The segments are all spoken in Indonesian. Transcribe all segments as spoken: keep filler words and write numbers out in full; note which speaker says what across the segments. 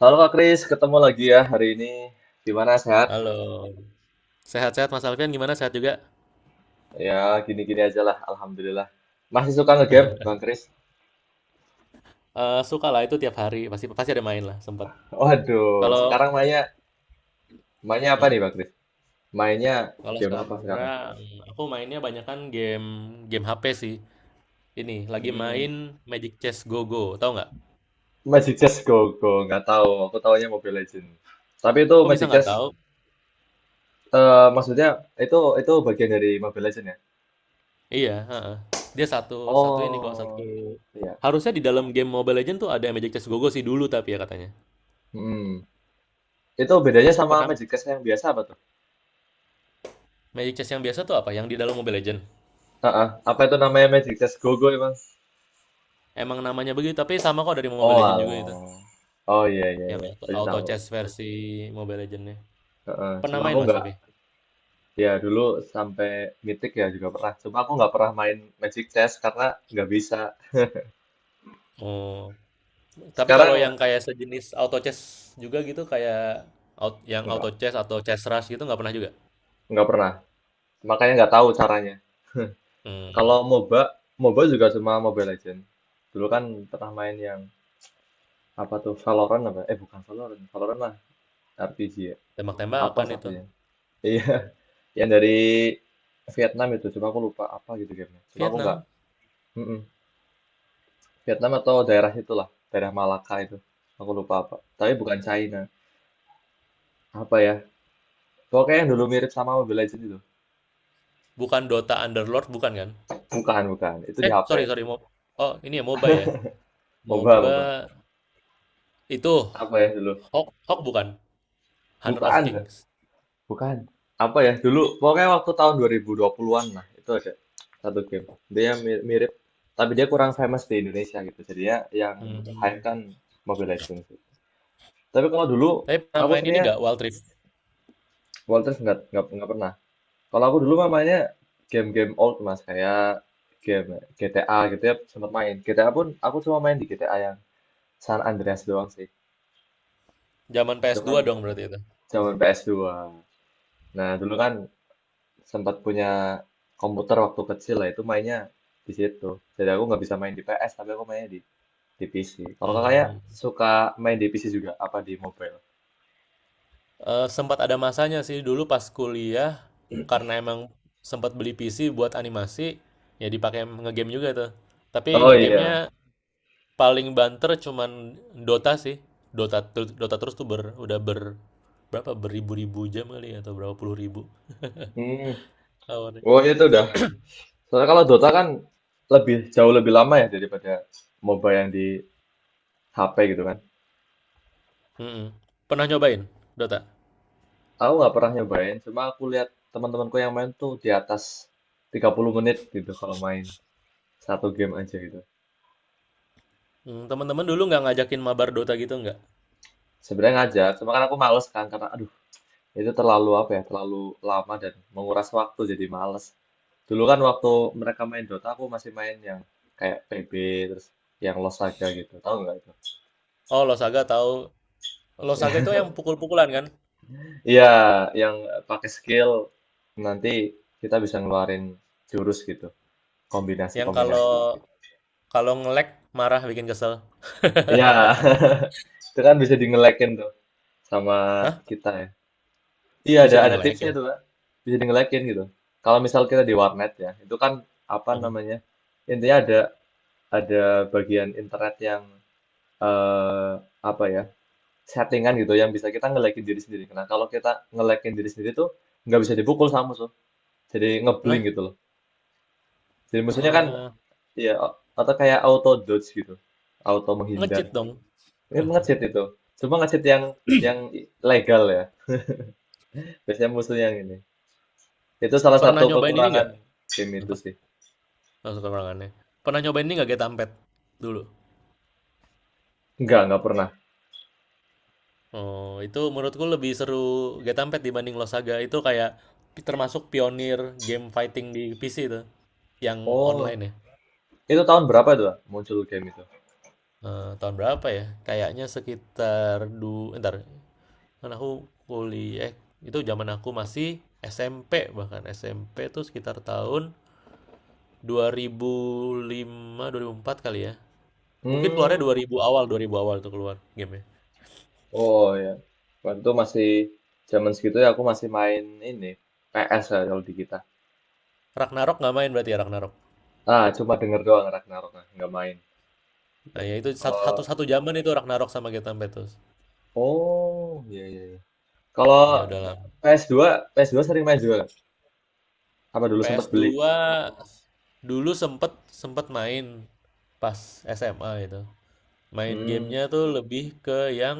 Speaker 1: Halo Kak Kris, ketemu lagi ya hari ini. Gimana sehat?
Speaker 2: Halo, sehat-sehat Mas Alfian gimana? Sehat juga?
Speaker 1: Ya, gini-gini aja lah, Alhamdulillah. Masih suka ngegame, Bang Kris?
Speaker 2: Eh suka lah itu tiap hari pasti pasti ada main lah sempat.
Speaker 1: Waduh,
Speaker 2: Kalau
Speaker 1: sekarang mainnya, mainnya apa
Speaker 2: hmm?
Speaker 1: nih Bang Kris? Mainnya
Speaker 2: Kalau
Speaker 1: game apa sekarang?
Speaker 2: sekarang aku mainnya banyak kan game game H P sih. Ini lagi
Speaker 1: Hmm,
Speaker 2: main Magic Chess Go Go, tahu nggak?
Speaker 1: Magic Chess Go Go, nggak tahu. Aku taunya Mobile Legend. Tapi itu
Speaker 2: Kok bisa
Speaker 1: Magic
Speaker 2: nggak
Speaker 1: Chess,
Speaker 2: tahu?
Speaker 1: eh, maksudnya itu itu bagian dari Mobile Legend ya?
Speaker 2: Iya, heeh. Dia satu satu ini kok satu.
Speaker 1: Oh, iya.
Speaker 2: Harusnya di dalam game Mobile Legend tuh ada Magic Chess Go Go sih dulu tapi ya katanya.
Speaker 1: Hmm. Itu bedanya sama
Speaker 2: Pernah
Speaker 1: Magic Chess yang biasa apa tuh?
Speaker 2: Magic Chess yang biasa tuh apa? Yang di dalam Mobile Legend.
Speaker 1: Heeh, apa itu namanya Magic Chess Go Go.
Speaker 2: Emang namanya begitu tapi sama kok dari Mobile
Speaker 1: Oh
Speaker 2: Legend juga itu.
Speaker 1: alah. Oh iya iya
Speaker 2: Yang
Speaker 1: iya,
Speaker 2: auto,
Speaker 1: berarti
Speaker 2: auto
Speaker 1: tahu.
Speaker 2: chess versi Mobile Legend.
Speaker 1: Heeh.
Speaker 2: Pernah
Speaker 1: Cuma aku
Speaker 2: main Mas
Speaker 1: nggak,
Speaker 2: tapi?
Speaker 1: ya dulu sampai mitik ya juga pernah. Cuma aku nggak pernah main Magic Chess karena nggak bisa.
Speaker 2: Oh, tapi kalau
Speaker 1: Sekarang
Speaker 2: yang kayak sejenis auto chess juga gitu kayak out, yang auto
Speaker 1: nggak
Speaker 2: chess atau chess rush gitu nggak pernah juga?
Speaker 1: nggak pernah. Makanya nggak tahu caranya.
Speaker 2: Hmm,
Speaker 1: Kalau MOBA, MOBA juga cuma Mobile Legend. Dulu kan pernah main yang apa tuh Valorant apa? Eh bukan Valorant, Valorant lah R P G ya. Apa
Speaker 2: Tembak-tembakan itu.
Speaker 1: satunya? Iya, yang dari Vietnam itu. Cuma aku lupa apa gitu gamenya. Cuma aku nggak.
Speaker 2: Vietnam,
Speaker 1: Vietnam atau daerah itulah, daerah Malaka itu. Aku lupa apa. Tapi bukan China. Apa ya? Pokoknya yang dulu mirip sama Mobile Legends itu.
Speaker 2: bukan Dota Underlord bukan kan?
Speaker 1: Bukan, bukan. Itu di
Speaker 2: Eh,
Speaker 1: ha pe.
Speaker 2: sorry sorry Mo- Oh, ini ya MOBA ya.
Speaker 1: MOBA,
Speaker 2: MOBA
Speaker 1: MOBA.
Speaker 2: itu
Speaker 1: Apa ya dulu?
Speaker 2: Hawk, Hawk bukan? Hunter of
Speaker 1: Bukan,
Speaker 2: Kings.
Speaker 1: bukan. Apa ya? Dulu, pokoknya waktu tahun dua ribu dua puluhan-an lah. Itu ada satu game. Dia mi- mirip, tapi dia kurang famous di Indonesia gitu. Jadi ya yang hype
Speaker 2: Hmm.
Speaker 1: kan Mobile Legends. Tapi kalau dulu,
Speaker 2: Tapi pernah
Speaker 1: aku
Speaker 2: main ini
Speaker 1: seringnya
Speaker 2: nggak Wild Rift?
Speaker 1: World Rift nggak, nggak, nggak pernah. Kalau aku dulu mah game-game old mas kayak game G T A gitu ya sempat main. G T A pun aku cuma main di G T A yang San Andreas doang sih.
Speaker 2: Zaman
Speaker 1: Itu kan
Speaker 2: P S dua dong berarti itu.
Speaker 1: zaman ps dua. Nah dulu kan sempat punya komputer waktu kecil lah itu mainnya di situ. Jadi aku nggak bisa main di P S tapi aku mainnya di di P C. Kalau kakaknya
Speaker 2: Hmm.
Speaker 1: suka main di P C juga apa di mobile?
Speaker 2: Eh, sempat ada masanya sih dulu pas kuliah karena emang sempat beli P C buat animasi ya dipakai ngegame juga tuh. Tapi
Speaker 1: Oh
Speaker 2: ngegamenya
Speaker 1: iya.
Speaker 2: paling banter cuman Dota sih. Dota ter- Dota terus tuh ber, udah ber berapa beribu-ribu jam kali ya, atau berapa puluh ribu
Speaker 1: Hmm.
Speaker 2: lawannya.
Speaker 1: Oh itu udah. Soalnya kalau Dota kan lebih jauh lebih lama ya daripada MOBA yang di ha pe gitu kan.
Speaker 2: Mm-mm. Pernah nyobain Dota?
Speaker 1: Aku nggak pernah nyobain, cuma aku lihat teman-temanku yang main tuh di atas tiga puluh menit gitu kalau main satu game aja gitu.
Speaker 2: Hmm, teman-teman dulu nggak ngajakin mabar Dota gitu nggak?
Speaker 1: Sebenarnya ngajar, cuma kan aku males kan karena aduh itu terlalu apa ya, terlalu lama dan menguras waktu jadi males. Dulu kan waktu mereka main Dota aku masih main yang kayak P B terus yang Lost Saga gitu, tahu nggak itu?
Speaker 2: Oh, Losaga tahu. Losaga itu yang pukul-pukulan kan?
Speaker 1: Iya, yang pakai skill nanti kita bisa ngeluarin jurus gitu,
Speaker 2: Yang kalau
Speaker 1: kombinasi-kombinasi.
Speaker 2: kalau nge-lag marah bikin kesel.
Speaker 1: Iya, itu kan bisa di ngelekin tuh sama kita ya. Iya
Speaker 2: Bisa
Speaker 1: ada
Speaker 2: di
Speaker 1: ada tipsnya
Speaker 2: ngelekin,
Speaker 1: itu Kak. Bisa di ngelekin gitu. Kalau misal kita di warnet ya, itu kan apa
Speaker 2: heeh.
Speaker 1: namanya? Intinya ada ada bagian internet yang eh apa ya? Settingan gitu yang bisa kita ngelekin diri sendiri. Nah, kalau kita ngelekin diri sendiri tuh nggak bisa dipukul sama musuh. Jadi ngeblank
Speaker 2: Lah,
Speaker 1: gitu loh. Jadi musuhnya kan
Speaker 2: eee,
Speaker 1: ya atau kayak auto dodge gitu. Auto menghindar.
Speaker 2: nge-cheat dong.
Speaker 1: Itu nge-cheat itu. Cuma nge-cheat yang yang legal ya. Biasanya musuhnya yang ini. Itu salah
Speaker 2: Pernah
Speaker 1: satu
Speaker 2: nyobain ini
Speaker 1: kekurangan
Speaker 2: nggak,
Speaker 1: game itu
Speaker 2: apa,
Speaker 1: sih.
Speaker 2: langsung ke ruangannya. Pernah nyobain ini nggak, Getampet dulu?
Speaker 1: Enggak, enggak pernah.
Speaker 2: Oh, itu menurutku lebih seru Getampet dibanding Lost Saga. Itu kayak pi termasuk pionir game fighting di P C itu, yang
Speaker 1: Oh,
Speaker 2: online ya.
Speaker 1: itu tahun berapa itu Pak, muncul game itu?
Speaker 2: Eee, tahun berapa ya? Kayaknya sekitar du entar, kan aku kuliah eh, itu zaman aku masih S M P bahkan, S M P itu sekitar tahun dua ribu lima, dua ribu empat kali ya. Mungkin keluarnya
Speaker 1: Hmm,
Speaker 2: dua ribu awal, dua ribu awal tuh keluar gamenya.
Speaker 1: oh ya. Waktu itu masih zaman segitu ya aku masih main ini P S ya kalau di kita.
Speaker 2: Ragnarok nggak main berarti ya Ragnarok.
Speaker 1: Ah, cuma denger doang Ragnarok, nah, nggak main.
Speaker 2: Nah ya itu satu, satu,
Speaker 1: Kalau
Speaker 2: satu zaman itu Ragnarok sama Get Beatles.
Speaker 1: oh, iya iya iya. Kalau
Speaker 2: Iya udah lama.
Speaker 1: P S dua, ps dua P S dua sering main juga. Nggak? Apa dulu
Speaker 2: PS
Speaker 1: sempat beli?
Speaker 2: dua dulu sempet sempet main pas S M A itu. Main
Speaker 1: Hmm,
Speaker 2: gamenya tuh lebih ke yang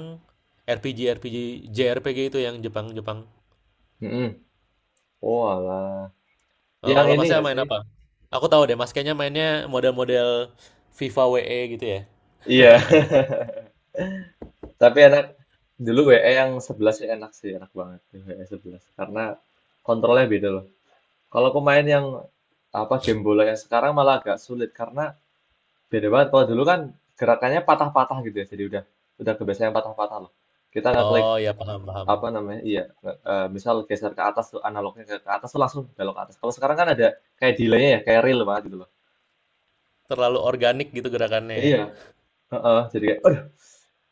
Speaker 2: R P G R P G J R P G itu yang Jepang Jepang.
Speaker 1: mm-mm. Oh, alah.
Speaker 2: Oh,
Speaker 1: Yang
Speaker 2: kalau
Speaker 1: ini
Speaker 2: masnya
Speaker 1: nggak
Speaker 2: main
Speaker 1: sih?
Speaker 2: apa? Aku tahu deh, Mas kayaknya mainnya model-model FIFA W E gitu ya.
Speaker 1: Iya. Tapi enak. Dulu W E yang sebelas sih enak sih, enak banget yang W E sebelas. Karena kontrolnya beda loh. Kalau pemain yang apa game bola yang sekarang malah agak sulit karena beda banget. Kalau dulu kan gerakannya patah-patah gitu ya. Jadi udah udah kebiasaan yang patah-patah loh. Kita nggak klik
Speaker 2: Oh ya paham paham.
Speaker 1: apa namanya? Iya, nge- eh, misal geser ke atas tuh analognya ke, ke atas tuh langsung belok ke atas. Kalau sekarang kan ada kayak delay-nya ya, kayak real banget gitu loh.
Speaker 2: Terlalu organik gitu gerakannya ya.
Speaker 1: Iya, heeh, jadi kayak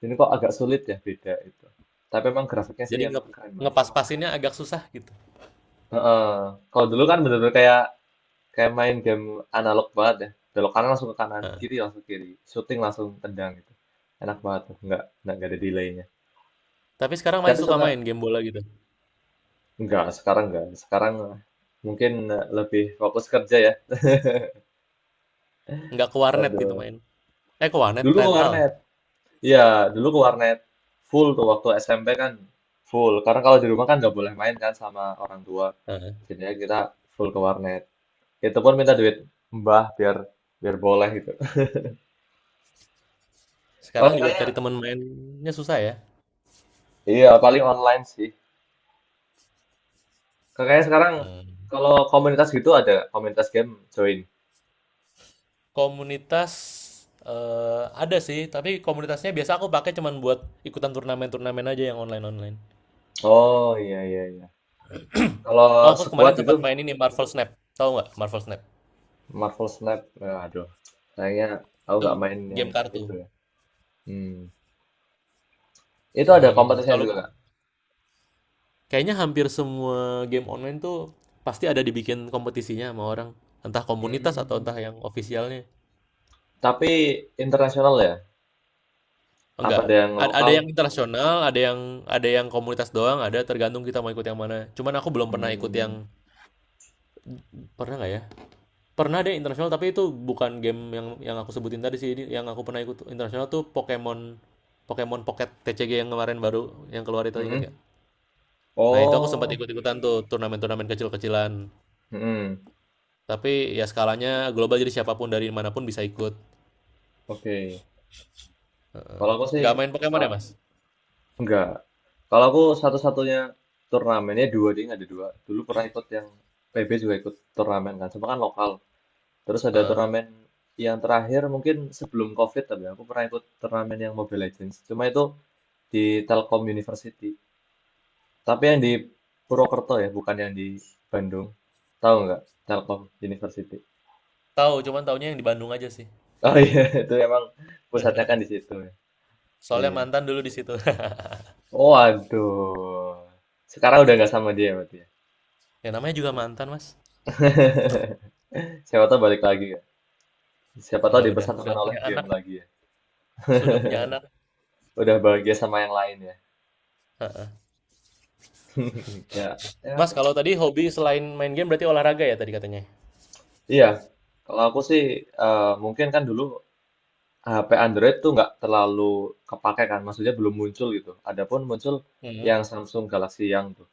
Speaker 1: ini kok agak sulit ya beda itu. Tapi emang grafiknya sih
Speaker 2: Jadi nge
Speaker 1: emang keren masih.
Speaker 2: ngepas-pasinnya agak susah gitu.
Speaker 1: Heeh. Kalau dulu kan bener-bener kayak kayak main game analog banget ya. Belok kanan langsung ke kanan,
Speaker 2: Heeh.
Speaker 1: kiri langsung kiri, shooting langsung tendang gitu. Enak banget tuh, nggak nggak nggak ada delaynya.
Speaker 2: Tapi sekarang masih
Speaker 1: Tapi
Speaker 2: suka main
Speaker 1: suka
Speaker 2: game bola gitu.
Speaker 1: nggak sekarang nggak. Sekarang eh, mungkin eh, lebih fokus kerja ya.
Speaker 2: Nggak ke warnet gitu
Speaker 1: Aduh.
Speaker 2: main. Eh ke warnet,
Speaker 1: Dulu ke
Speaker 2: rental.
Speaker 1: warnet. Iya, dulu ke warnet. Full tuh waktu S M P kan full. Karena kalau di rumah kan nggak boleh main kan sama orang tua.
Speaker 2: Heeh.
Speaker 1: Jadinya kita full ke warnet. Itu pun minta duit mbah biar biar boleh gitu. Kalau
Speaker 2: Sekarang juga cari
Speaker 1: kayaknya?
Speaker 2: teman mainnya susah ya.
Speaker 1: Iya paling online sih. Kakaknya sekarang
Speaker 2: Hmm.
Speaker 1: kalau komunitas gitu ada komunitas game join.
Speaker 2: Komunitas eh, ada sih, tapi komunitasnya biasa aku pakai cuman buat ikutan turnamen-turnamen aja yang online-online.
Speaker 1: Oh iya iya iya. Kalau
Speaker 2: Oh, aku
Speaker 1: squad
Speaker 2: kemarin
Speaker 1: gitu
Speaker 2: sempat main ini Marvel Snap. Tahu nggak Marvel Snap?
Speaker 1: Marvel Snap, ya, aduh. Kayaknya aku
Speaker 2: Itu
Speaker 1: nggak main yang
Speaker 2: game kartu.
Speaker 1: itu ya. Hmm. Itu
Speaker 2: Nah,
Speaker 1: ada
Speaker 2: game
Speaker 1: kompetisinya
Speaker 2: kalau
Speaker 1: juga nggak?
Speaker 2: kayaknya hampir semua game online tuh pasti ada dibikin kompetisinya sama orang. Entah komunitas atau entah
Speaker 1: Hmm.
Speaker 2: yang ofisialnya.
Speaker 1: Tapi internasional ya? Apa
Speaker 2: Enggak.
Speaker 1: ada yang
Speaker 2: Ad- Ada
Speaker 1: lokal?
Speaker 2: yang internasional, ada yang ada yang komunitas doang, ada tergantung kita mau ikut yang mana. Cuman aku belum pernah ikut
Speaker 1: Hmm.
Speaker 2: yang pernah nggak ya? Pernah deh internasional, tapi itu bukan game yang yang aku sebutin tadi sih. Ini yang aku pernah ikut internasional tuh Pokemon Pokemon Pocket T C G yang kemarin baru yang keluar itu ingat nggak?
Speaker 1: Mm-mm.
Speaker 2: Nah itu aku sempat
Speaker 1: Oh.
Speaker 2: ikut-ikutan tuh turnamen-turnamen kecil-kecilan.
Speaker 1: Mm-mm.
Speaker 2: Tapi ya skalanya global jadi siapapun dari manapun bisa ikut.
Speaker 1: Oke.
Speaker 2: Heeh.
Speaker 1: Kalau aku sih
Speaker 2: Nggak main Pokemon ya,
Speaker 1: sa-
Speaker 2: Mas?
Speaker 1: Enggak. Kalau aku satu-satunya turnamennya dua ding ada dua. Dulu pernah ikut yang P B juga ikut turnamen kan, cuma kan lokal. Terus ada
Speaker 2: Heeh.
Speaker 1: turnamen yang terakhir mungkin sebelum COVID tapi aku pernah ikut turnamen yang Mobile Legends. Cuma itu di Telkom University. Tapi yang di Purwokerto ya, bukan yang di Bandung. Tahu nggak? Telkom University.
Speaker 2: Tahu, cuman taunya yang di Bandung aja sih.
Speaker 1: Oh iya, itu emang pusatnya kan di situ ya.
Speaker 2: Soalnya
Speaker 1: Iya.
Speaker 2: mantan dulu di situ.
Speaker 1: Oh, aduh. Sekarang udah nggak sama dia berarti
Speaker 2: Ya namanya juga mantan, Mas.
Speaker 1: ya. Siapa tahu balik lagi ya. Siapa tahu
Speaker 2: Enggak udah, udah
Speaker 1: dipersatukan oleh
Speaker 2: punya
Speaker 1: game
Speaker 2: anak,
Speaker 1: lagi ya.
Speaker 2: sudah punya anak.
Speaker 1: Udah bahagia sama yang lain ya.
Speaker 2: Heeh.
Speaker 1: Ya, ya.
Speaker 2: Mas, kalau tadi hobi selain main game berarti olahraga ya tadi katanya?
Speaker 1: Iya. Kalau aku sih eh, mungkin kan dulu ha pe Android tuh nggak terlalu kepake kan, maksudnya belum muncul gitu. Adapun muncul
Speaker 2: Hmm.
Speaker 1: yang Samsung Galaxy yang tuh,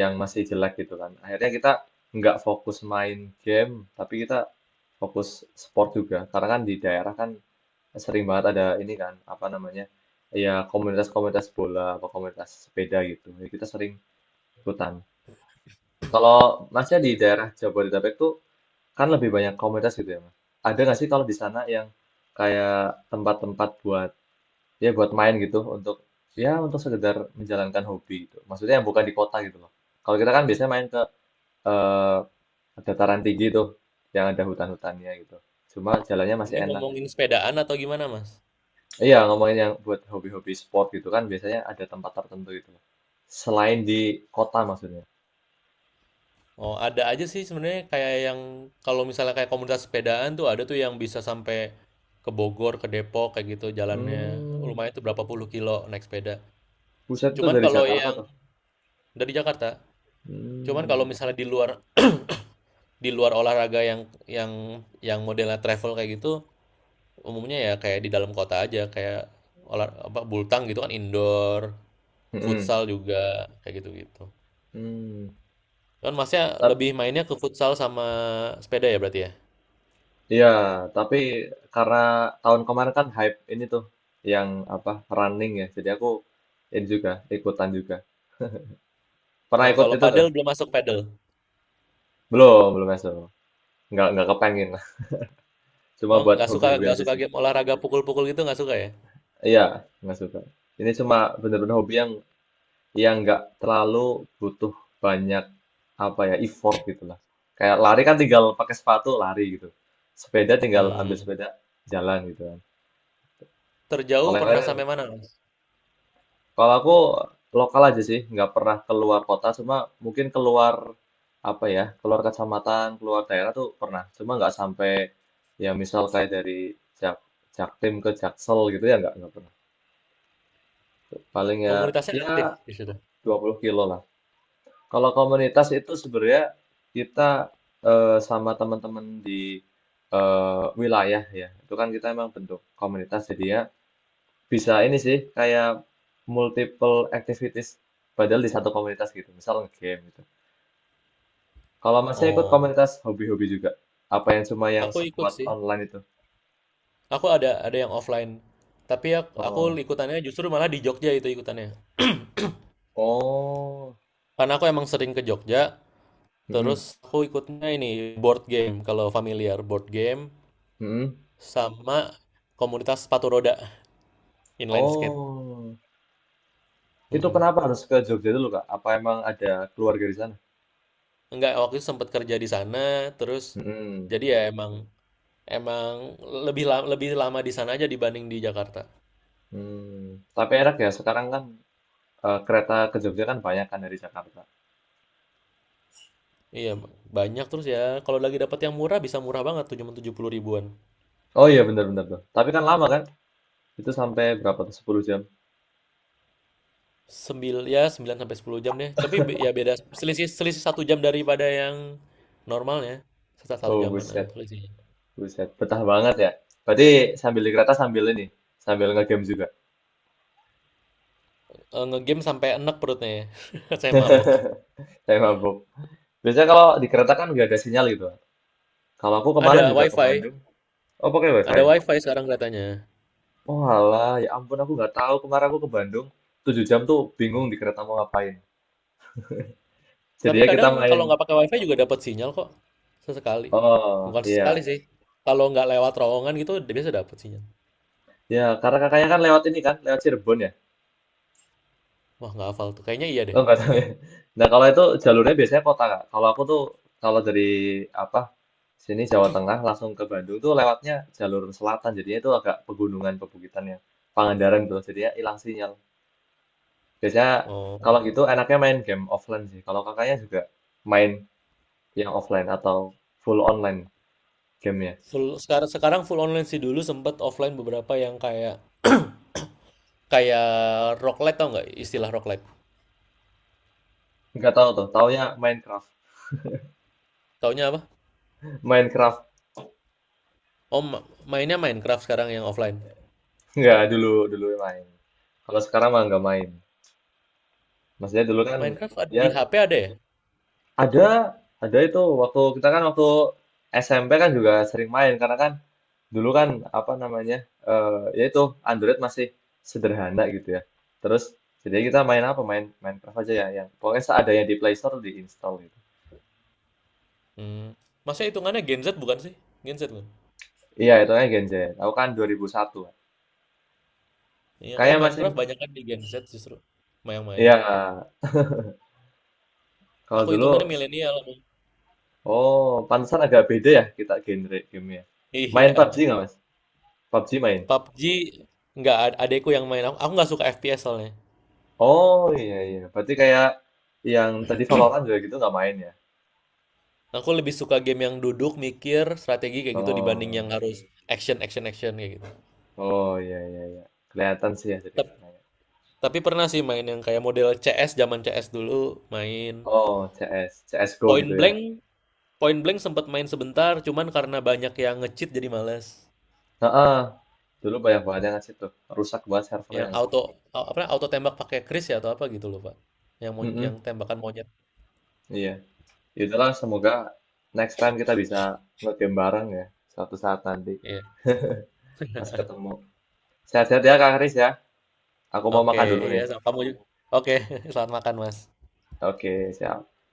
Speaker 1: yang masih jelek gitu kan. Akhirnya kita nggak fokus main game, tapi kita fokus sport juga. Karena kan di daerah kan sering banget ada ini kan apa namanya ya komunitas-komunitas bola atau komunitas sepeda gitu jadi kita sering ikutan kalau masnya di daerah Jabodetabek tuh kan lebih banyak komunitas gitu ya mas ada nggak sih kalau di sana yang kayak tempat-tempat buat ya buat main gitu untuk ya untuk sekedar menjalankan hobi gitu maksudnya yang bukan di kota gitu loh kalau kita kan biasanya main ke eh, dataran tinggi tuh yang ada hutan-hutannya gitu cuma jalannya masih
Speaker 2: Ini
Speaker 1: enak
Speaker 2: ngomongin
Speaker 1: gitu.
Speaker 2: sepedaan atau gimana, Mas?
Speaker 1: Iya, ngomongin yang buat hobi-hobi sport gitu kan biasanya ada tempat tertentu gitu. Selain di kota maksudnya.
Speaker 2: Oh, ada aja sih sebenarnya kayak yang kalau misalnya kayak komunitas sepedaan tuh ada tuh yang bisa sampai ke Bogor, ke Depok kayak gitu jalannya.
Speaker 1: Hmm,
Speaker 2: Lumayan tuh berapa puluh kilo naik sepeda.
Speaker 1: buset itu
Speaker 2: Cuman
Speaker 1: dari
Speaker 2: kalau
Speaker 1: Jakarta
Speaker 2: yang
Speaker 1: tuh.
Speaker 2: dari Jakarta, cuman kalau
Speaker 1: Hmm,
Speaker 2: misalnya di luar di luar olahraga yang yang yang modelnya travel kayak gitu, umumnya ya kayak di dalam kota aja kayak olah apa bultang gitu kan indoor,
Speaker 1: hmm,
Speaker 2: futsal juga kayak gitu-gitu.
Speaker 1: hmm.
Speaker 2: Kan masnya
Speaker 1: Tap,
Speaker 2: lebih mainnya ke futsal sama sepeda ya berarti ya?
Speaker 1: ya, tapi karena tahun kemarin kan hype ini tuh yang apa running ya, jadi aku ini juga ikutan juga. Pernah
Speaker 2: Oh,
Speaker 1: ikut
Speaker 2: kalau
Speaker 1: itu
Speaker 2: padel
Speaker 1: nggak?
Speaker 2: belum masuk padel.
Speaker 1: Belum, belum masuk. Nggak nggak kepengen. Cuma
Speaker 2: Oh,
Speaker 1: buat
Speaker 2: nggak suka
Speaker 1: hobi-hobi
Speaker 2: nggak
Speaker 1: aja
Speaker 2: suka
Speaker 1: sih.
Speaker 2: game olahraga pukul-pukul gitu nggak suka ya?
Speaker 1: Iya, nggak suka. Ini cuma bener-bener hobi yang yang nggak terlalu butuh banyak apa ya effort gitu lah. Kayak lari kan tinggal pakai sepatu lari gitu. Sepeda tinggal ambil
Speaker 2: Hmm.
Speaker 1: sepeda jalan gitu kan.
Speaker 2: Terjauh
Speaker 1: Kalau yang lain,
Speaker 2: pernah
Speaker 1: kan,
Speaker 2: sampai mana, Mas?
Speaker 1: kalau aku lokal aja sih, nggak pernah keluar kota, cuma mungkin keluar apa ya, keluar kecamatan, keluar daerah tuh pernah. Cuma nggak sampai ya misal kayak dari Jak Jaktim ke Jaksel gitu ya nggak nggak pernah. Paling ya
Speaker 2: Komunitasnya
Speaker 1: ya
Speaker 2: aktif di situ.
Speaker 1: dua puluh kilo lah. Kalau komunitas itu sebenarnya kita eh, sama teman-teman di eh, wilayah ya. Itu kan kita emang bentuk komunitas jadi ya bisa ini sih kayak multiple activities padahal di satu komunitas gitu. Misal nge-game gitu. Kalau masih ikut
Speaker 2: Oh,
Speaker 1: komunitas hobi-hobi juga. Apa yang cuma yang
Speaker 2: aku ikut
Speaker 1: sekuat
Speaker 2: sih.
Speaker 1: online itu?
Speaker 2: Aku ada ada yang offline. Tapi ya aku
Speaker 1: Oh.
Speaker 2: ikutannya justru malah di Jogja itu ikutannya.
Speaker 1: Oh.
Speaker 2: Karena aku emang sering ke Jogja,
Speaker 1: Mm-mm.
Speaker 2: terus aku ikutnya ini board game kalau familiar board game sama komunitas sepatu roda inline skate.
Speaker 1: Oh. Itu
Speaker 2: Mm-mm.
Speaker 1: kenapa harus ke Jogja dulu, Kak? Apa emang ada keluarga di sana?
Speaker 2: Enggak, waktu itu sempat kerja di sana, terus
Speaker 1: Mm.
Speaker 2: jadi ya emang emang lebih lama, lebih lama di sana aja dibanding di Jakarta.
Speaker 1: Hmm, tapi enak ya sekarang kan eh, kereta ke Jogja kan banyak kan dari Jakarta.
Speaker 2: Iya, banyak terus ya. Kalau lagi dapat yang murah bisa murah banget, cuma tujuh puluh ribuan.
Speaker 1: Oh iya bener-bener tuh. Tapi kan lama kan? Itu sampai berapa tuh sepuluh jam?
Speaker 2: Sembil ya sembilan sampai sepuluh jam deh. Tapi be- ya beda selisih selisih satu jam daripada yang normalnya. Satu, satu
Speaker 1: Oh
Speaker 2: jaman nah,
Speaker 1: buset,
Speaker 2: selisihnya.
Speaker 1: buset. Betah banget ya. Berarti sambil di kereta sambil ini, sambil ngegame juga.
Speaker 2: Eh, ngegame sampai enek perutnya ya. Saya mabuk.
Speaker 1: Saya mabuk. Biasanya kalau di kereta kan nggak ada sinyal gitu. Kalau aku kemarin
Speaker 2: Ada
Speaker 1: juga ke
Speaker 2: wifi,
Speaker 1: Bandung, oh pakai
Speaker 2: ada
Speaker 1: WiFi.
Speaker 2: wifi sekarang kelihatannya.
Speaker 1: Oh alah, ya ampun aku nggak tahu kemarin aku ke Bandung tujuh jam tuh bingung di kereta mau ngapain.
Speaker 2: Tapi
Speaker 1: Jadinya kita
Speaker 2: kadang
Speaker 1: main.
Speaker 2: kalau nggak pakai wifi juga dapat sinyal kok. Sesekali.
Speaker 1: Oh
Speaker 2: Bukan sesekali
Speaker 1: iya.
Speaker 2: sih. Kalau nggak lewat terowongan gitu biasa dapat sinyal.
Speaker 1: Ya, karena kakaknya kan lewat ini kan, lewat Cirebon ya.
Speaker 2: Wah nggak hafal tuh. Kayaknya iya
Speaker 1: Lo
Speaker 2: deh
Speaker 1: nggak tahu
Speaker 2: tapi.
Speaker 1: ya. Nah, kalau itu jalurnya biasanya kota, Kak. Kalau aku tuh, kalau dari apa sini Jawa Tengah langsung ke Bandung tuh lewatnya jalur selatan. Jadinya itu agak pegunungan, pebukitannya. Pangandaran gitu. Jadinya hilang sinyal. Biasanya
Speaker 2: Oh.
Speaker 1: kalau gitu enaknya main game offline sih. Kalau kakaknya juga main yang offline atau full online gamenya.
Speaker 2: Full, sekarang sekarang full online sih dulu sempet offline beberapa yang kayak Kayak roguelite tau nggak istilah roguelite?
Speaker 1: Nggak tahu tuh, taunya Minecraft.
Speaker 2: Taunya apa?
Speaker 1: Minecraft.
Speaker 2: Oh, ma- mainnya Minecraft sekarang yang offline.
Speaker 1: Nggak, dulu dulu main. Kalau sekarang mah nggak main. Maksudnya dulu kan
Speaker 2: Minecraft ad-
Speaker 1: ya
Speaker 2: di H P ada ya?
Speaker 1: Ada, ada itu waktu kita kan waktu S M P kan juga sering main karena kan dulu kan apa namanya eh ya itu Android masih sederhana gitu ya. Terus jadi kita main apa? Main Minecraft aja ya yang pokoknya seadanya di Play Store diinstal gitu.
Speaker 2: Hmm. Masa hitungannya Gen Z bukan sih? Gen Z kan?
Speaker 1: Iya, itu kan Gen Z. Aku kan dua nol nol satu.
Speaker 2: Iya, kayak
Speaker 1: Kayaknya masih
Speaker 2: Minecraft banyak kan di Gen Z justru. Yang main.
Speaker 1: iya kalau
Speaker 2: Aku
Speaker 1: dulu
Speaker 2: hitungannya milenial. Aku.
Speaker 1: oh pantesan agak beda ya kita genre gamenya. Main
Speaker 2: Iya.
Speaker 1: PUBG nggak Mas? PUBG main.
Speaker 2: pab ji nggak, ad- adekku yang main. Aku, aku nggak suka F P S soalnya.
Speaker 1: Oh iya iya, berarti kayak yang tadi Valorant juga gitu nggak main ya?
Speaker 2: Aku lebih suka game yang duduk, mikir, strategi kayak gitu dibanding yang
Speaker 1: Oh,
Speaker 2: harus action, action, action kayak gitu.
Speaker 1: oh ya ya ya. Kelihatan sih ya jadi
Speaker 2: Tep-
Speaker 1: kakaknya.
Speaker 2: Tapi pernah sih main yang kayak model C S, zaman C S dulu main.
Speaker 1: Oh, C S C S, C S Go
Speaker 2: Point
Speaker 1: gitu ya.
Speaker 2: Blank Point Blank sempat main sebentar cuman karena banyak yang nge-cheat jadi males.
Speaker 1: Heeh. Dulu banyak banget yang ngasih tuh. Rusak banget
Speaker 2: Yang
Speaker 1: servernya lah.
Speaker 2: auto a- apa auto tembak pakai Chris ya atau apa gitu loh, Pak. Yang mon-
Speaker 1: Mm-mm,
Speaker 2: yang tembakan monyet.
Speaker 1: iya. Yaudahlah, semoga next time kita bisa nge-game bareng ya. Suatu saat nanti
Speaker 2: Iya.
Speaker 1: pas ketemu. Sehat-sehat ya Kak Kris ya. Aku mau
Speaker 2: Oke,
Speaker 1: makan dulu
Speaker 2: iya
Speaker 1: nih.
Speaker 2: sama kamu juga. Oke, selamat makan, Mas.
Speaker 1: Oke, siap.